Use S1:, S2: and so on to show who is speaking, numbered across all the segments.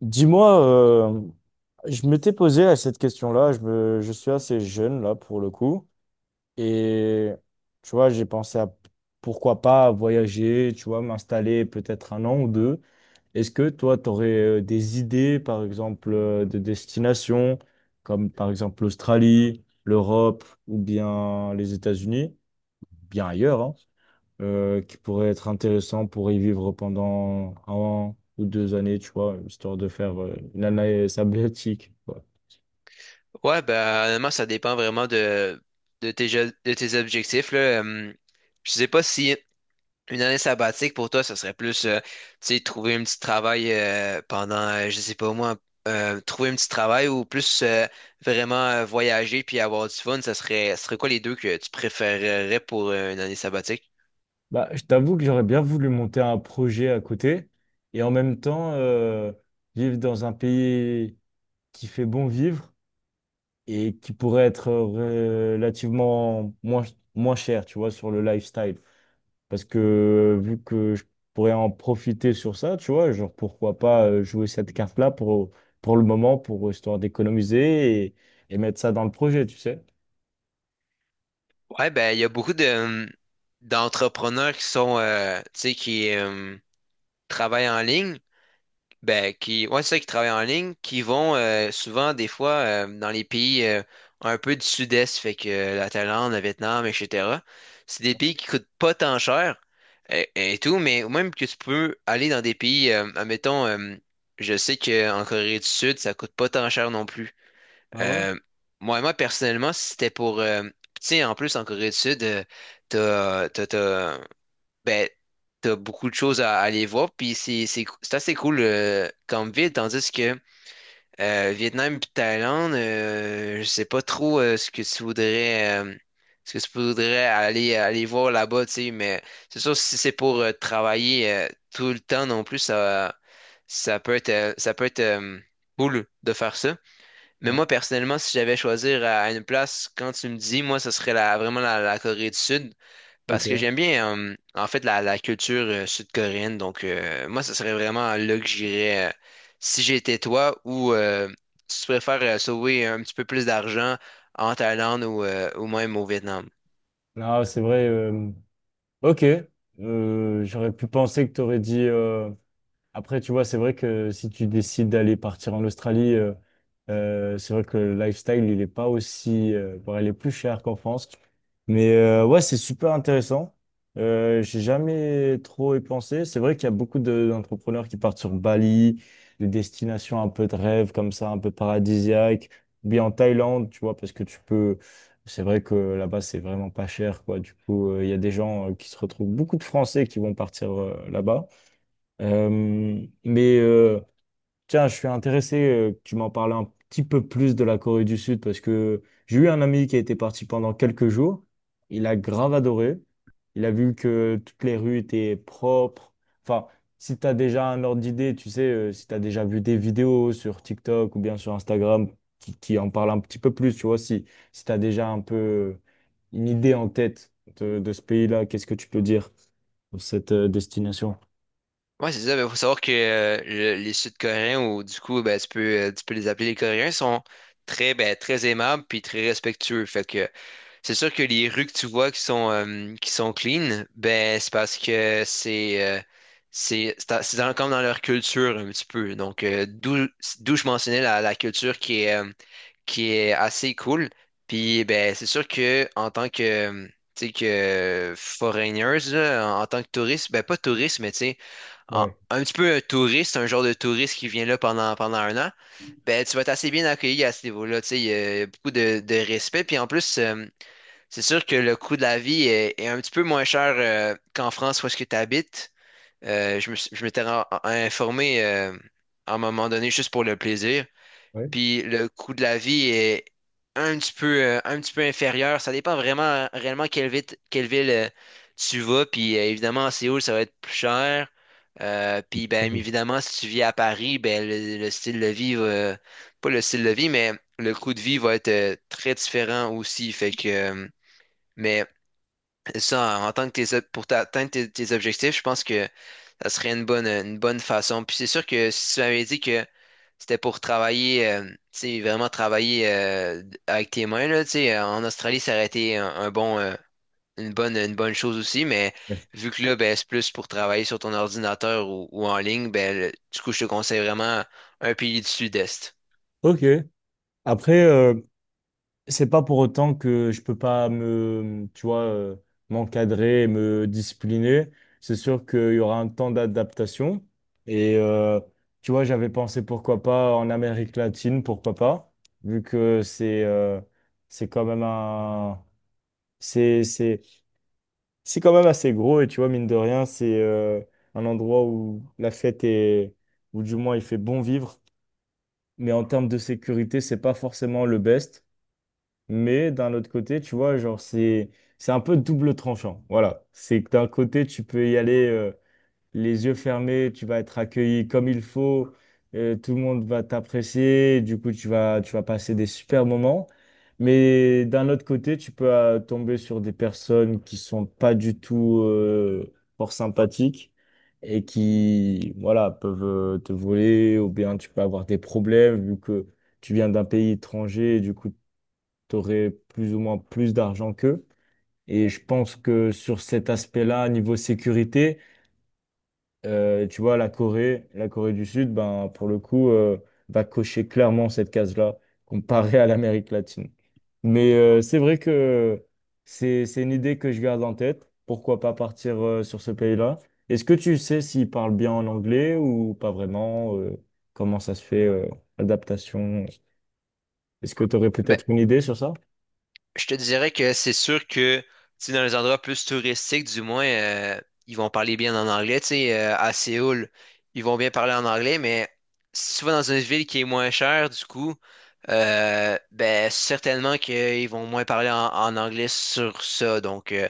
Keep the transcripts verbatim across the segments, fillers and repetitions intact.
S1: Dis-moi, euh, je m'étais posé à cette question-là, je me, je suis assez jeune là pour le coup, et tu vois, j'ai pensé à pourquoi pas voyager, tu vois, m'installer peut-être un an ou deux. Est-ce que toi, tu aurais euh, des idées, par exemple, euh, de destinations, comme par exemple l'Australie, l'Europe ou bien les États-Unis, bien ailleurs, hein? Euh, qui pourrait être intéressant pour y vivre pendant un an ou deux années, tu vois, histoire de faire euh, une année sabbatique, quoi.
S2: Ouais, ben, honnêtement, ça dépend vraiment de, de tes, je- de tes objectifs, là. Hum, je sais pas si une année sabbatique pour toi, ça serait plus, euh, tu sais, trouver un petit travail euh, pendant, euh, je sais pas moi, euh, trouver un petit travail ou plus euh, vraiment euh, voyager puis avoir du fun, ça serait, ça serait quoi les deux que tu préférerais pour euh, une année sabbatique?
S1: Bah, je t'avoue que j'aurais bien voulu monter un projet à côté et en même temps euh, vivre dans un pays qui fait bon vivre et qui pourrait être euh, relativement moins, moins cher, tu vois, sur le lifestyle. Parce que vu que je pourrais en profiter sur ça, tu vois, genre pourquoi pas euh, jouer cette carte-là pour, pour le moment, pour histoire d'économiser et, et mettre ça dans le projet, tu sais.
S2: Ouais, ben, il y a beaucoup de, hum, d'entrepreneurs qui sont, euh, tu sais, qui euh, travaillent en ligne. Ben, qui, ouais, c'est ça, qui travaillent en ligne, qui vont euh, souvent, des fois, euh, dans les pays euh, un peu du sud-est, fait que euh, la Thaïlande, le Vietnam, et cetera. C'est des pays qui coûtent pas tant cher et, et tout, mais même que tu peux aller dans des pays, euh, admettons, euh, je sais qu'en Corée du Sud, ça coûte pas tant cher non plus.
S1: Ah ouais?
S2: Euh, moi, moi, personnellement, si c'était pour. euh, tu sais, en plus, en Corée du Sud, euh, t'as, t'as, t'as- ben, t'as beaucoup de choses à à aller voir, puis c'est c'est cou- c'est assez cool euh, comme ville, tandis que euh, Vietnam puis Thaïlande, euh, je sais pas trop euh, ce que tu voudrais euh, ce que tu voudrais aller aller voir là-bas, tu sais, mais c'est sûr si c'est pour euh, travailler euh, tout le temps non plus, ça ça peut être euh, ça peut être euh, cool de faire ça. Mais
S1: Ouais,
S2: moi personnellement, si j'avais à choisir à à une place, quand tu me dis, moi, ce serait la, vraiment la, la Corée du Sud. Parce que
S1: ok.
S2: j'aime bien, euh, en fait, la, la culture euh, sud-coréenne. Donc, euh, moi, ce serait vraiment là que j'irais euh, si j'étais toi ou euh, si tu préfères euh, sauver un petit peu plus d'argent en Thaïlande ou, euh, ou même au Vietnam.
S1: Non, c'est vrai. Euh, ok. Euh, j'aurais pu penser que tu aurais dit. euh, Après, tu vois, c'est vrai que si tu décides d'aller partir en Australie, euh, euh, c'est vrai que le lifestyle, il est pas aussi... euh, bon, il est plus cher qu'en France. Mais euh, ouais, c'est super intéressant. Euh, j'ai jamais trop y pensé. C'est vrai qu'il y a beaucoup de- d'entrepreneurs qui partent sur Bali, des destinations un peu de rêve comme ça, un peu paradisiaques, ou bien en Thaïlande, tu vois, parce que tu peux. C'est vrai que là-bas, c'est vraiment pas cher, quoi. Du coup, euh, il y a des gens euh, qui se retrouvent, beaucoup de Français qui vont partir euh, là-bas. Euh, mais euh, tiens, je suis intéressé euh, que tu m'en parles un petit peu plus de la Corée du Sud parce que j'ai eu un ami qui a été parti pendant quelques jours. Il a grave adoré. Il a vu que toutes les rues étaient propres. Enfin, si tu as déjà un ordre d'idée, tu sais, euh, si tu as déjà vu des vidéos sur TikTok ou bien sur Instagram qui, qui en parlent un petit peu plus, tu vois, si, si tu as déjà un peu une idée en tête de, de ce pays-là, qu'est-ce que tu peux dire sur cette euh, destination?
S2: Ouais, c'est ça. Il faut savoir que euh, le- les Sud-Coréens, ou du coup, ben, tu peux, euh, tu peux les appeler les Coréens, sont très, ben, très aimables puis très respectueux. Fait que c'est sûr que les rues que tu vois qui sont, euh, qui sont clean, ben, c'est parce que c'est euh, c'est c'est dans- c'est dans- comme dans leur culture un petit peu. Donc, euh, d'où d'où je mentionnais la, la culture qui est, euh, qui est assez cool. Puis, ben, c'est sûr que en tant que, euh, tu sais, que foreigners, là, en en tant que touriste, ben, pas touriste, mais tu sais, en-
S1: Ouais,
S2: un petit peu un touriste, un genre de touriste qui vient là pendant, pendant un an, ben, tu vas être assez bien accueilli à ce niveau-là. Tu sais, il y a beaucoup de, de respect. Puis en plus, euh, c'est sûr que le coût de la vie est, est un petit peu moins cher euh, qu'en France où est-ce que tu habites. Euh, je me, suis- je m'étais ren- informé euh, à un moment donné juste pour le plaisir.
S1: ouais.
S2: Puis le coût de la vie est un petit peu, euh, un petit peu inférieur. Ça dépend vraiment réellement quelle ville, quelle ville euh, tu vas. Puis euh, évidemment, à Séoul, ça va être plus cher. Euh, puis ben évidemment, si tu vis à Paris, ben le, le style de vie va- pas le style de vie, mais le coût de vie va être euh, très différent aussi. Fait que euh, mais et ça, en tant que tes, ob- pour atteindre tes, tes objectifs, je pense que ça serait une bonne, une bonne façon. Puis c'est sûr que si tu m'avais dit que c'était pour travailler, euh, tu sais, vraiment travailler euh, avec tes mains, là, tu sais, euh, en Australie, ça aurait été un, un bon, euh, une bonne, une bonne chose aussi, mais vu que là, ben, c'est plus pour travailler sur ton ordinateur ou, ou en ligne, ben, le- du coup, je te conseille vraiment un pays du Sud-Est.
S1: Ok. Après, euh, c'est pas pour autant que je peux pas me, tu vois, euh, m'encadrer, et me discipliner. C'est sûr qu'il y aura un temps d'adaptation. Et euh, tu vois, j'avais pensé pourquoi pas en Amérique latine, pourquoi pas, vu que c'est euh, c'est quand même un, c'est c'est c'est quand même assez gros. Et tu vois, mine de rien, c'est euh, un endroit où la fête est, ou du moins il fait bon vivre. Mais en termes de sécurité, c'est pas forcément le best. Mais d'un autre côté, tu vois, genre, c'est, c'est un peu double tranchant. Voilà. C'est que d'un côté, tu peux y aller euh, les yeux fermés, tu vas être accueilli comme il faut, euh, tout le monde va t'apprécier, du coup, tu vas, tu vas passer des super moments. Mais d'un autre côté, tu peux euh, tomber sur des personnes qui sont pas du tout euh, fort sympathiques et qui, voilà, peuvent euh, te voler ou bien tu peux avoir des problèmes vu que tu viens d'un pays étranger, et du coup, tu aurais plus ou moins plus d'argent qu'eux. Et je pense que sur cet aspect-là, niveau sécurité, euh, tu vois, la Corée, la Corée du Sud, ben, pour le coup, euh, va cocher clairement cette case-là comparée à l'Amérique latine. Mais euh, c'est vrai que c'est, c'est une idée que je garde en tête. Pourquoi pas partir euh, sur ce pays-là? Est-ce que tu sais s'ils parlent bien en anglais ou pas vraiment? Euh, comment ça se fait, euh, l'adaptation? Est-ce que tu aurais
S2: Ben,
S1: peut-être une idée sur ça?
S2: je te dirais que c'est sûr que tu sais, dans les endroits plus touristiques, du moins, euh, ils vont parler bien en anglais. Tu sais, euh, à Séoul, ils vont bien parler en anglais, mais si tu vas dans une ville qui est moins chère, du coup, euh, ben certainement qu'ils vont moins parler en, en anglais sur ça. Donc, euh,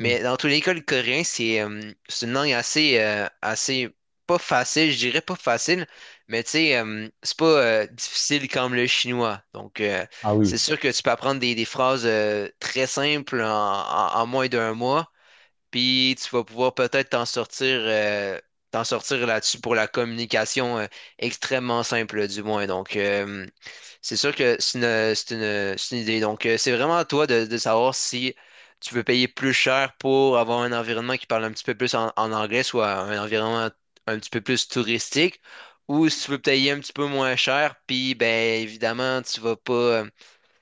S1: Mm.
S2: dans tous les cas, le coréen, c'est euh, c'est une langue assez, euh, assez pas facile, je dirais pas facile, mais tu sais, euh, c'est pas euh, difficile comme le chinois. Donc, euh, c'est sûr que tu peux apprendre des, des phrases euh, très simples en, en- en moins d'un mois, puis tu vas pouvoir peut-être t'en sortir, euh, t'en sortir là-dessus pour la communication euh, extrêmement simple, là, du moins. Donc, euh, c'est sûr que c'est une, c'est une- c'est une idée. Donc, euh, c'est vraiment à toi de, de savoir si tu veux payer plus cher pour avoir un environnement qui parle un petit peu plus en, en anglais, soit un environnement un petit peu plus touristique, ou si tu veux payer un petit peu moins cher, puis, ben, évidemment, tu vas pas. euh,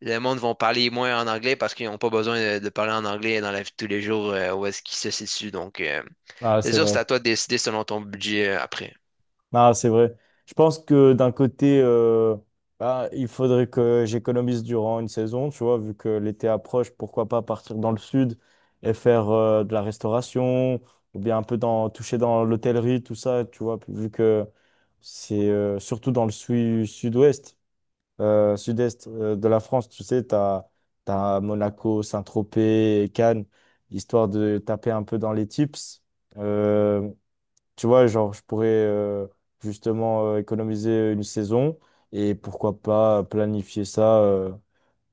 S2: le monde vont parler moins en anglais parce qu'ils n'ont pas besoin de, de parler en anglais dans la vie de tous les jours euh, où est-ce qu'ils se situent. Donc, euh,
S1: Ah,
S2: c'est
S1: c'est
S2: sûr,
S1: vrai.
S2: c'est à toi de décider selon ton budget euh, après.
S1: Ah, c'est vrai. Je pense que d'un côté, euh, bah, il faudrait que j'économise durant une saison, tu vois, vu que l'été approche, pourquoi pas partir dans le sud et faire euh, de la restauration ou bien un peu dans, toucher dans l'hôtellerie, tout ça, tu vois, vu que c'est euh, surtout dans le sud, ouest euh, sud-est euh, de la France, tu sais, tu as, Monaco, Saint-Tropez, Cannes, histoire de taper un peu dans les tips. Euh, Tu vois, genre, je pourrais euh, justement euh, économiser une saison et pourquoi pas planifier ça. euh,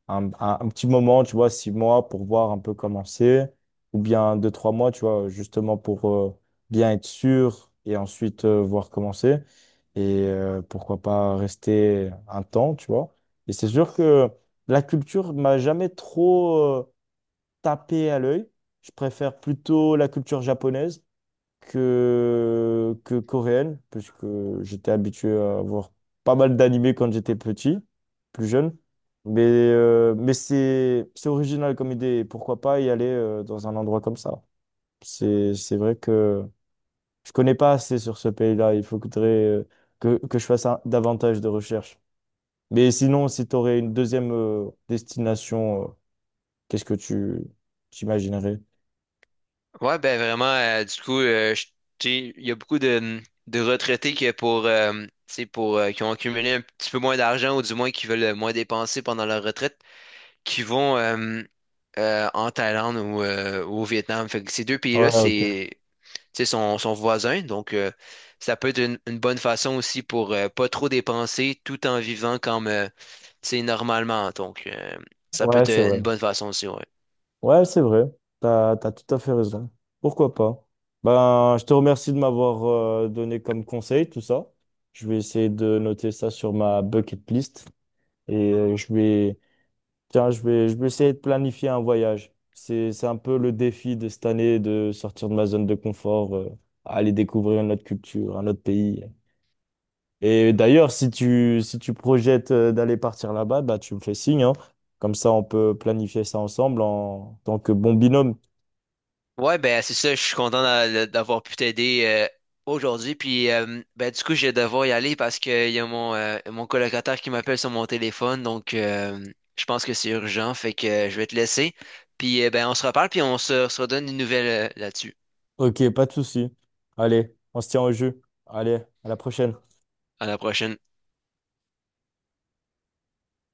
S1: un, un- Un petit moment, tu vois, six mois pour voir un peu comment c'est, ou bien deux, trois mois, tu vois, justement pour euh, bien être sûr et ensuite euh, voir comment c'est. Et euh, pourquoi pas rester un temps, tu vois. Et c'est sûr que la culture m'a jamais trop euh, tapé à l'œil. Je préfère plutôt la culture japonaise que, que coréenne, puisque j'étais habitué à voir pas mal d'animés quand j'étais petit, plus jeune. Mais, euh, mais c'est, c'est original comme idée. Et pourquoi pas y aller euh, dans un endroit comme ça? C'est, c'est vrai que je connais pas assez sur ce pays-là. Il faudrait euh, que, que je fasse un- davantage de recherches. Mais sinon, si tu aurais une deuxième euh, destination, euh, qu'est-ce que tu t'imaginerais?
S2: Ouais, ben vraiment, euh, du coup, euh, je- tu sais, il y a beaucoup de, de retraités que pour, euh, tu sais, pour, euh, qui ont accumulé un petit peu moins d'argent ou du moins qui veulent moins dépenser pendant leur retraite, qui vont euh, euh, en Thaïlande ou, euh, ou au Vietnam. Fait que ces deux pays-là,
S1: Ouais, ok.
S2: c'est tu sais, son, son voisin. Donc, euh, ça peut être une, une bonne façon aussi pour euh, pas trop dépenser tout en vivant comme euh, tu sais, normalement. Donc, euh, ça peut
S1: Ouais,
S2: être
S1: c'est
S2: euh,
S1: vrai.
S2: une bonne façon aussi, ouais.
S1: Ouais, c'est vrai. T'as, t'as tout à fait raison. Pourquoi pas? Ben, je te remercie de m'avoir euh, donné comme conseil tout ça. Je vais essayer de noter ça sur ma bucket list et euh, je vais, tiens, je vais, je vais essayer de planifier un voyage. C'est, c'est un peu le défi de cette année de sortir de ma zone de confort, euh, aller découvrir une autre culture, un autre pays. Et d'ailleurs, si tu, si tu projettes euh, d'aller partir là-bas, bah, tu me fais signe, hein. Comme ça, on peut planifier ça ensemble en tant que bon binôme.
S2: Ouais, ben c'est ça, je suis content d'a- d'avoir pu t'aider euh, aujourd'hui. Puis euh, ben du coup, je vais devoir y aller parce qu'il y a mon, euh, mon colocataire qui m'appelle sur mon téléphone. Donc euh, je pense que c'est urgent. Fait que euh, je vais te laisser. Puis euh, ben on se reparle, puis on se, se redonne une nouvelle là-dessus.
S1: Ok, pas de souci. Allez, on se tient au jus. Allez, à la prochaine.
S2: À la prochaine.